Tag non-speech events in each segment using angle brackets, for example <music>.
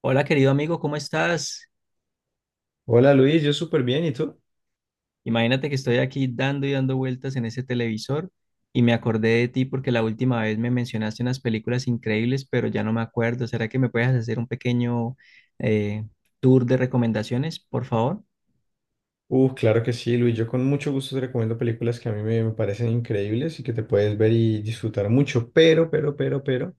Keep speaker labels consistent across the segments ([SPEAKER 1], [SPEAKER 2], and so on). [SPEAKER 1] Hola, querido amigo, ¿cómo estás?
[SPEAKER 2] Hola Luis, yo súper bien, ¿y tú?
[SPEAKER 1] Imagínate que estoy aquí dando y dando vueltas en ese televisor y me acordé de ti porque la última vez me mencionaste unas películas increíbles, pero ya no me acuerdo. ¿Será que me puedes hacer un pequeño eh, tour de recomendaciones, por favor?
[SPEAKER 2] Claro que sí, Luis, yo con mucho gusto te recomiendo películas que a mí me parecen increíbles y que te puedes ver y disfrutar mucho, pero,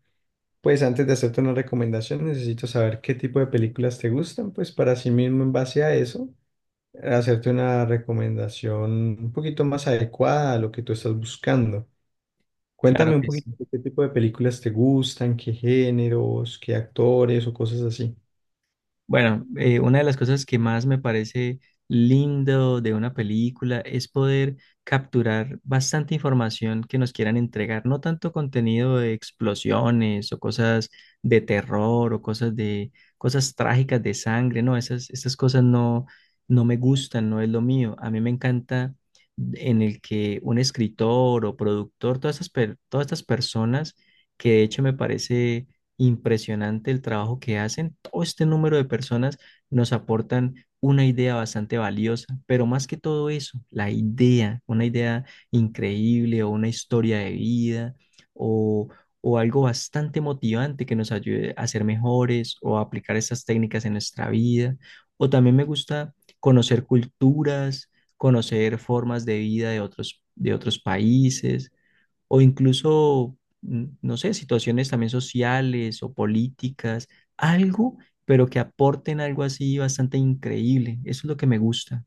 [SPEAKER 2] pues antes de hacerte una recomendación necesito saber qué tipo de películas te gustan, pues para sí mismo en base a eso, hacerte una recomendación un poquito más adecuada a lo que tú estás buscando.
[SPEAKER 1] Claro
[SPEAKER 2] Cuéntame un
[SPEAKER 1] que sí.
[SPEAKER 2] poquito de qué tipo de películas te gustan, qué géneros, qué actores o cosas así.
[SPEAKER 1] Bueno, una de las cosas que más me parece lindo de una película es poder capturar bastante información que nos quieran entregar, no tanto contenido de explosiones o cosas de terror o cosas de cosas trágicas de sangre, no, esas cosas no, no me gustan, no es lo mío. A mí me encanta en el que un escritor o productor, todas estas, todas estas personas que de hecho me parece impresionante el trabajo que hacen. Todo este número de personas nos aportan una idea bastante valiosa, pero más que todo eso, la idea, una idea increíble o una historia de vida o, o algo bastante motivante que nos ayude a ser mejores o a aplicar esas técnicas en nuestra vida. O también me gusta conocer culturas, conocer formas de vida de otros países o incluso, no sé, situaciones también sociales o políticas, algo, pero que aporten algo así bastante increíble. Eso es lo que me gusta.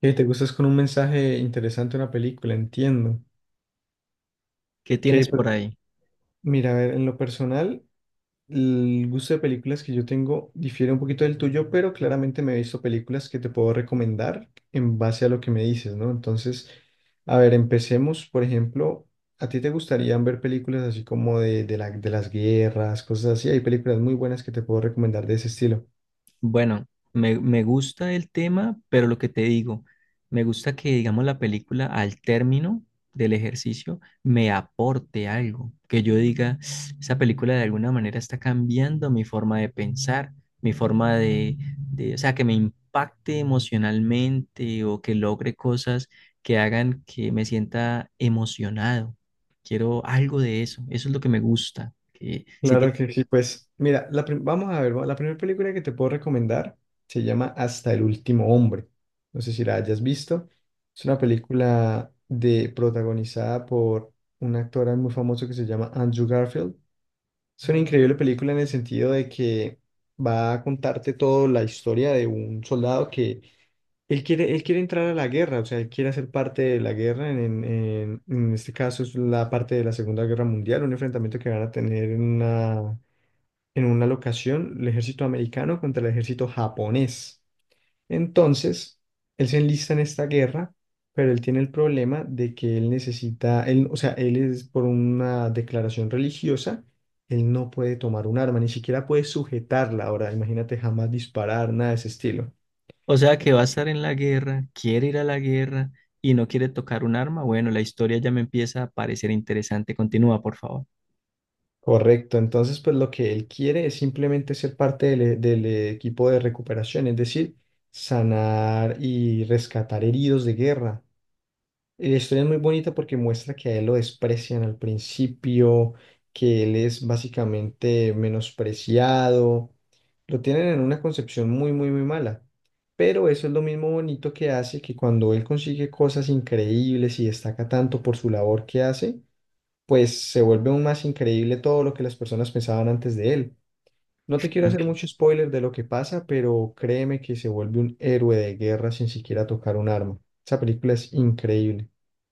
[SPEAKER 2] Y te gustas con un mensaje interesante una película, entiendo.
[SPEAKER 1] ¿Qué
[SPEAKER 2] Que
[SPEAKER 1] tienes
[SPEAKER 2] pues,
[SPEAKER 1] por ahí?
[SPEAKER 2] mira, a ver, en lo personal, el gusto de películas que yo tengo difiere un poquito del tuyo, pero claramente me he visto películas que te puedo recomendar en base a lo que me dices, ¿no? Entonces, a ver, empecemos, por ejemplo, ¿a ti te gustarían ver películas así como de las guerras, cosas así? Hay películas muy buenas que te puedo recomendar de ese estilo.
[SPEAKER 1] Bueno, me gusta el tema, pero lo que te digo, me gusta que, digamos, la película al término del ejercicio me aporte algo, que yo diga, <sniffs> esa película de alguna manera está cambiando mi forma de pensar, mi forma o sea, que me impacte emocionalmente o que logre cosas que hagan que me sienta emocionado. Quiero algo de eso, eso es lo que me gusta, que si...
[SPEAKER 2] Claro que sí, pues mira, la prim- vamos a ver, va- la primera película que te puedo recomendar se llama Hasta el último hombre. No sé si la hayas visto. Es una película de protagonizada por un actor muy famoso que se llama Andrew Garfield. Es una increíble película en el sentido de que va a contarte toda la historia de un soldado que él quiere entrar a la guerra, o sea, él quiere hacer parte de la guerra, en este caso es la parte de la Segunda Guerra Mundial, un enfrentamiento que van a tener en una locación el ejército americano contra el ejército japonés. Entonces, él se enlista en esta guerra, pero él tiene el problema de que él necesita, él, o sea, él es por una declaración religiosa, él no puede tomar un arma, ni siquiera puede sujetarla. Ahora, imagínate jamás disparar, nada de ese estilo.
[SPEAKER 1] O sea, que va a estar en la guerra, quiere ir a la guerra y no quiere tocar un arma. Bueno, la historia ya me empieza a parecer interesante. Continúa, por favor.
[SPEAKER 2] Correcto, entonces pues lo que él quiere es simplemente ser parte del equipo de recuperación, es decir, sanar y rescatar heridos de guerra. Y la historia es muy bonita porque muestra que a él lo desprecian al principio, que él es básicamente menospreciado. Lo tienen en una concepción muy mala. Pero eso es lo mismo bonito que hace que cuando él consigue cosas increíbles y destaca tanto por su labor que hace, pues se vuelve aún más increíble todo lo que las personas pensaban antes de él. No te quiero hacer
[SPEAKER 1] Mm.
[SPEAKER 2] mucho spoiler de lo que pasa, pero créeme que se vuelve un héroe de guerra sin siquiera tocar un arma. Esa película es increíble.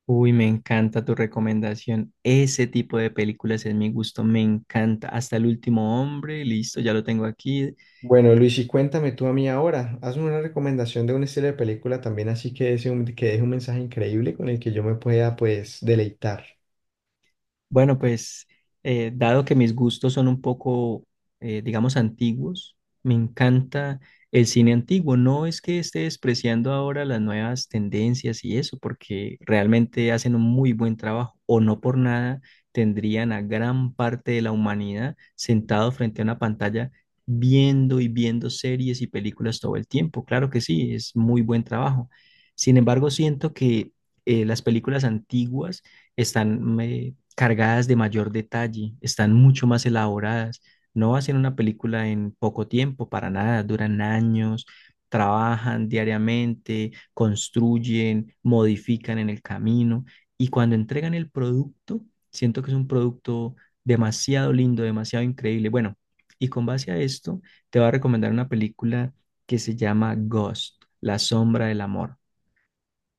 [SPEAKER 1] Uy, me encanta tu recomendación. Ese tipo de películas es mi gusto, me encanta. Hasta el último hombre, listo, ya lo tengo aquí.
[SPEAKER 2] Bueno, Luis, y cuéntame tú a mí ahora, hazme una recomendación de un estilo de película también, así que que deje un mensaje increíble con el que yo me pueda, pues, deleitar.
[SPEAKER 1] Bueno, pues dado que mis gustos son un poco, digamos, antiguos, me encanta el cine antiguo. No es que esté despreciando ahora las nuevas tendencias y eso, porque realmente hacen un muy buen trabajo o no por nada tendrían a gran parte de la humanidad sentado frente a una pantalla viendo y viendo series y películas todo el tiempo. Claro que sí, es muy buen trabajo. Sin embargo, siento que las películas antiguas están cargadas de mayor detalle, están mucho más elaboradas. No hacen una película en poco tiempo, para nada, duran años, trabajan diariamente, construyen, modifican en el camino y cuando entregan el producto, siento que es un producto demasiado lindo, demasiado increíble. Bueno, y con base a esto, te voy a recomendar una película que se llama Ghost, la sombra del amor,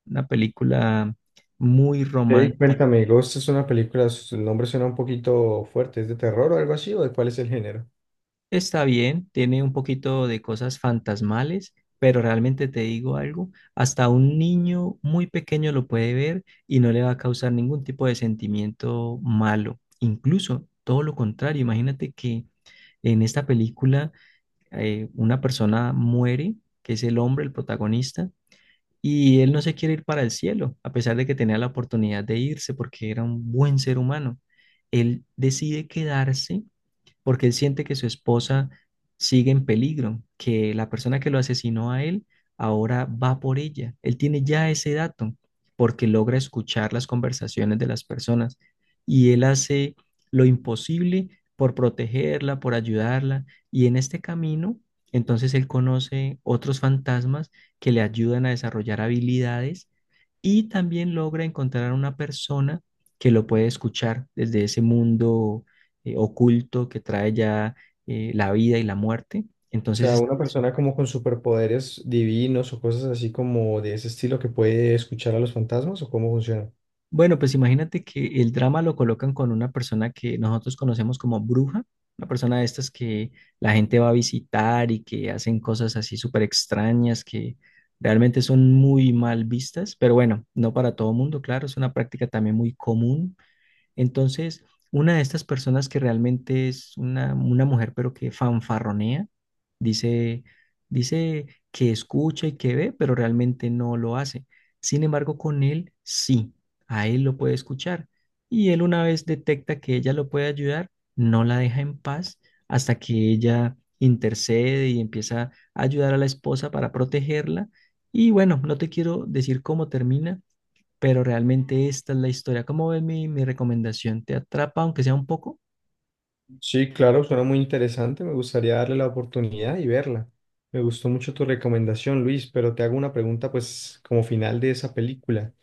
[SPEAKER 1] una película muy romántica.
[SPEAKER 2] Cuéntame, Ghost es una película, su nombre suena un poquito fuerte, ¿es de terror o algo así, o de cuál es el género?
[SPEAKER 1] Está bien, tiene un poquito de cosas fantasmales, pero realmente te digo algo, hasta un niño muy pequeño lo puede ver y no le va a causar ningún tipo de sentimiento malo. Incluso todo lo contrario, imagínate que en esta película una persona muere, que es el hombre, el protagonista, y él no se quiere ir para el cielo, a pesar de que tenía la oportunidad de irse porque era un buen ser humano. Él decide quedarse porque él siente que su esposa sigue en peligro, que la persona que lo asesinó a él ahora va por ella. Él tiene ya ese dato porque logra escuchar las conversaciones de las personas y él hace lo imposible por protegerla, por ayudarla y en este camino, entonces él conoce otros fantasmas que le ayudan a desarrollar habilidades y también logra encontrar a una persona que lo puede escuchar desde ese mundo oculto que trae ya la vida y la muerte.
[SPEAKER 2] O
[SPEAKER 1] Entonces,
[SPEAKER 2] sea,
[SPEAKER 1] esta
[SPEAKER 2] una
[SPEAKER 1] persona...
[SPEAKER 2] persona como con superpoderes divinos o cosas así como de ese estilo que puede escuchar a los fantasmas, ¿o cómo funciona?
[SPEAKER 1] Bueno, pues imagínate que el drama lo colocan con una persona que nosotros conocemos como bruja, una persona de estas que la gente va a visitar y que hacen cosas así súper extrañas que realmente son muy mal vistas, pero bueno, no para todo mundo, claro, es una práctica también muy común. Entonces, una de estas personas que realmente es una mujer, pero que fanfarronea, dice, dice que escucha y que ve, pero realmente no lo hace. Sin embargo, con él sí, a él lo puede escuchar. Y él una vez detecta que ella lo puede ayudar, no la deja en paz hasta que ella intercede y empieza a ayudar a la esposa para protegerla. Y bueno, no te quiero decir cómo termina, pero realmente esta es la historia. ¿Cómo ves mi recomendación? ¿Te atrapa, aunque sea un poco?
[SPEAKER 2] Sí, claro, suena muy interesante. Me gustaría darle la oportunidad y verla. Me gustó mucho tu recomendación, Luis, pero te hago una pregunta, pues, como final de esa película.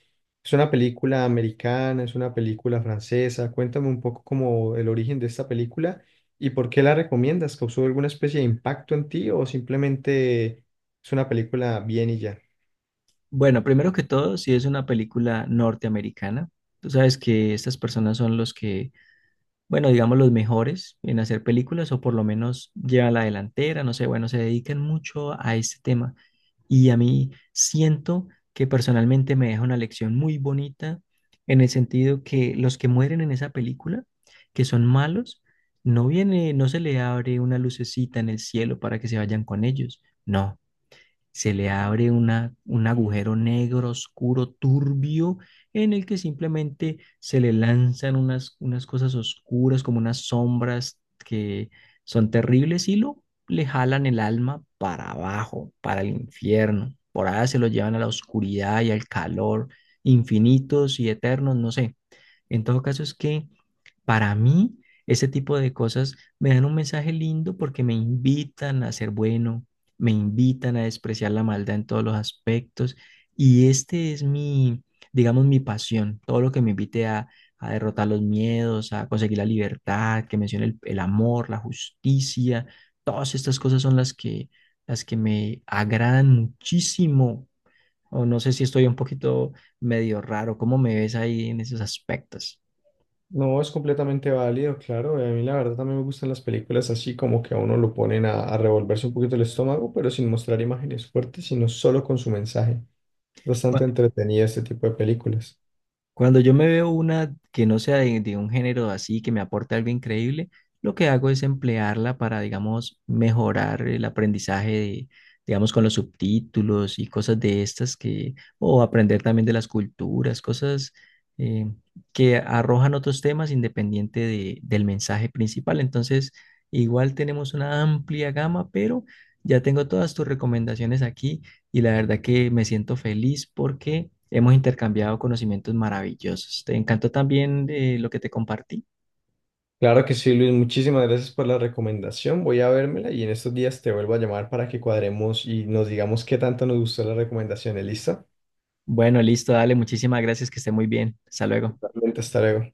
[SPEAKER 2] ¿Es una película americana? ¿Es una película francesa? Cuéntame un poco como el origen de esta película y por qué la recomiendas. ¿Causó alguna especie de impacto en ti o simplemente es una película bien y ya?
[SPEAKER 1] Bueno, primero que todo, si es una película norteamericana, tú sabes que estas personas son los que, bueno, digamos, los mejores en hacer películas o por lo menos llevan la delantera, no sé, bueno, se dedican mucho a este tema. Y a mí siento que personalmente me deja una lección muy bonita en el sentido que los que mueren en esa película, que son malos, no viene, no se le abre una lucecita en el cielo para que se vayan con ellos. No, se le abre una, un agujero negro, oscuro, turbio, en el que simplemente se le lanzan unas, unas cosas oscuras, como unas sombras que son terribles y lo le jalan el alma para abajo, para el infierno. Por allá se lo llevan a la oscuridad y al calor infinitos y eternos, no sé. En todo caso es que para mí, ese tipo de cosas me dan un mensaje lindo porque me invitan a ser bueno, me invitan a despreciar la maldad en todos los aspectos y este es mi, digamos, mi pasión, todo lo que me invite a derrotar los miedos, a conseguir la libertad, que mencione el amor, la justicia, todas estas cosas son las que me agradan muchísimo. O no sé si estoy un poquito medio raro, ¿cómo me ves ahí en esos aspectos?
[SPEAKER 2] No, es completamente válido, claro. Y a mí la verdad también me gustan las películas así como que a uno lo ponen a revolverse un poquito el estómago, pero sin mostrar imágenes fuertes, sino solo con su mensaje. Bastante entretenida este tipo de películas.
[SPEAKER 1] Cuando yo me veo una que no sea de un género así, que me aporte algo increíble, lo que hago es emplearla para, digamos, mejorar el aprendizaje de, digamos, con los subtítulos y cosas de estas que, o aprender también de las culturas, cosas eh, que arrojan otros temas independiente del mensaje principal. Entonces, igual tenemos una amplia gama, pero ya tengo todas tus recomendaciones aquí y la verdad que me siento feliz porque hemos intercambiado conocimientos maravillosos. ¿Te encantó también lo que te compartí?
[SPEAKER 2] Claro que sí, Luis, muchísimas gracias por la recomendación. Voy a vérmela y en estos días te vuelvo a llamar para que cuadremos y nos digamos qué tanto nos gustó la recomendación, ¿listo?
[SPEAKER 1] Bueno, listo, dale, muchísimas gracias, que esté muy bien. Hasta luego.
[SPEAKER 2] Totalmente, hasta luego.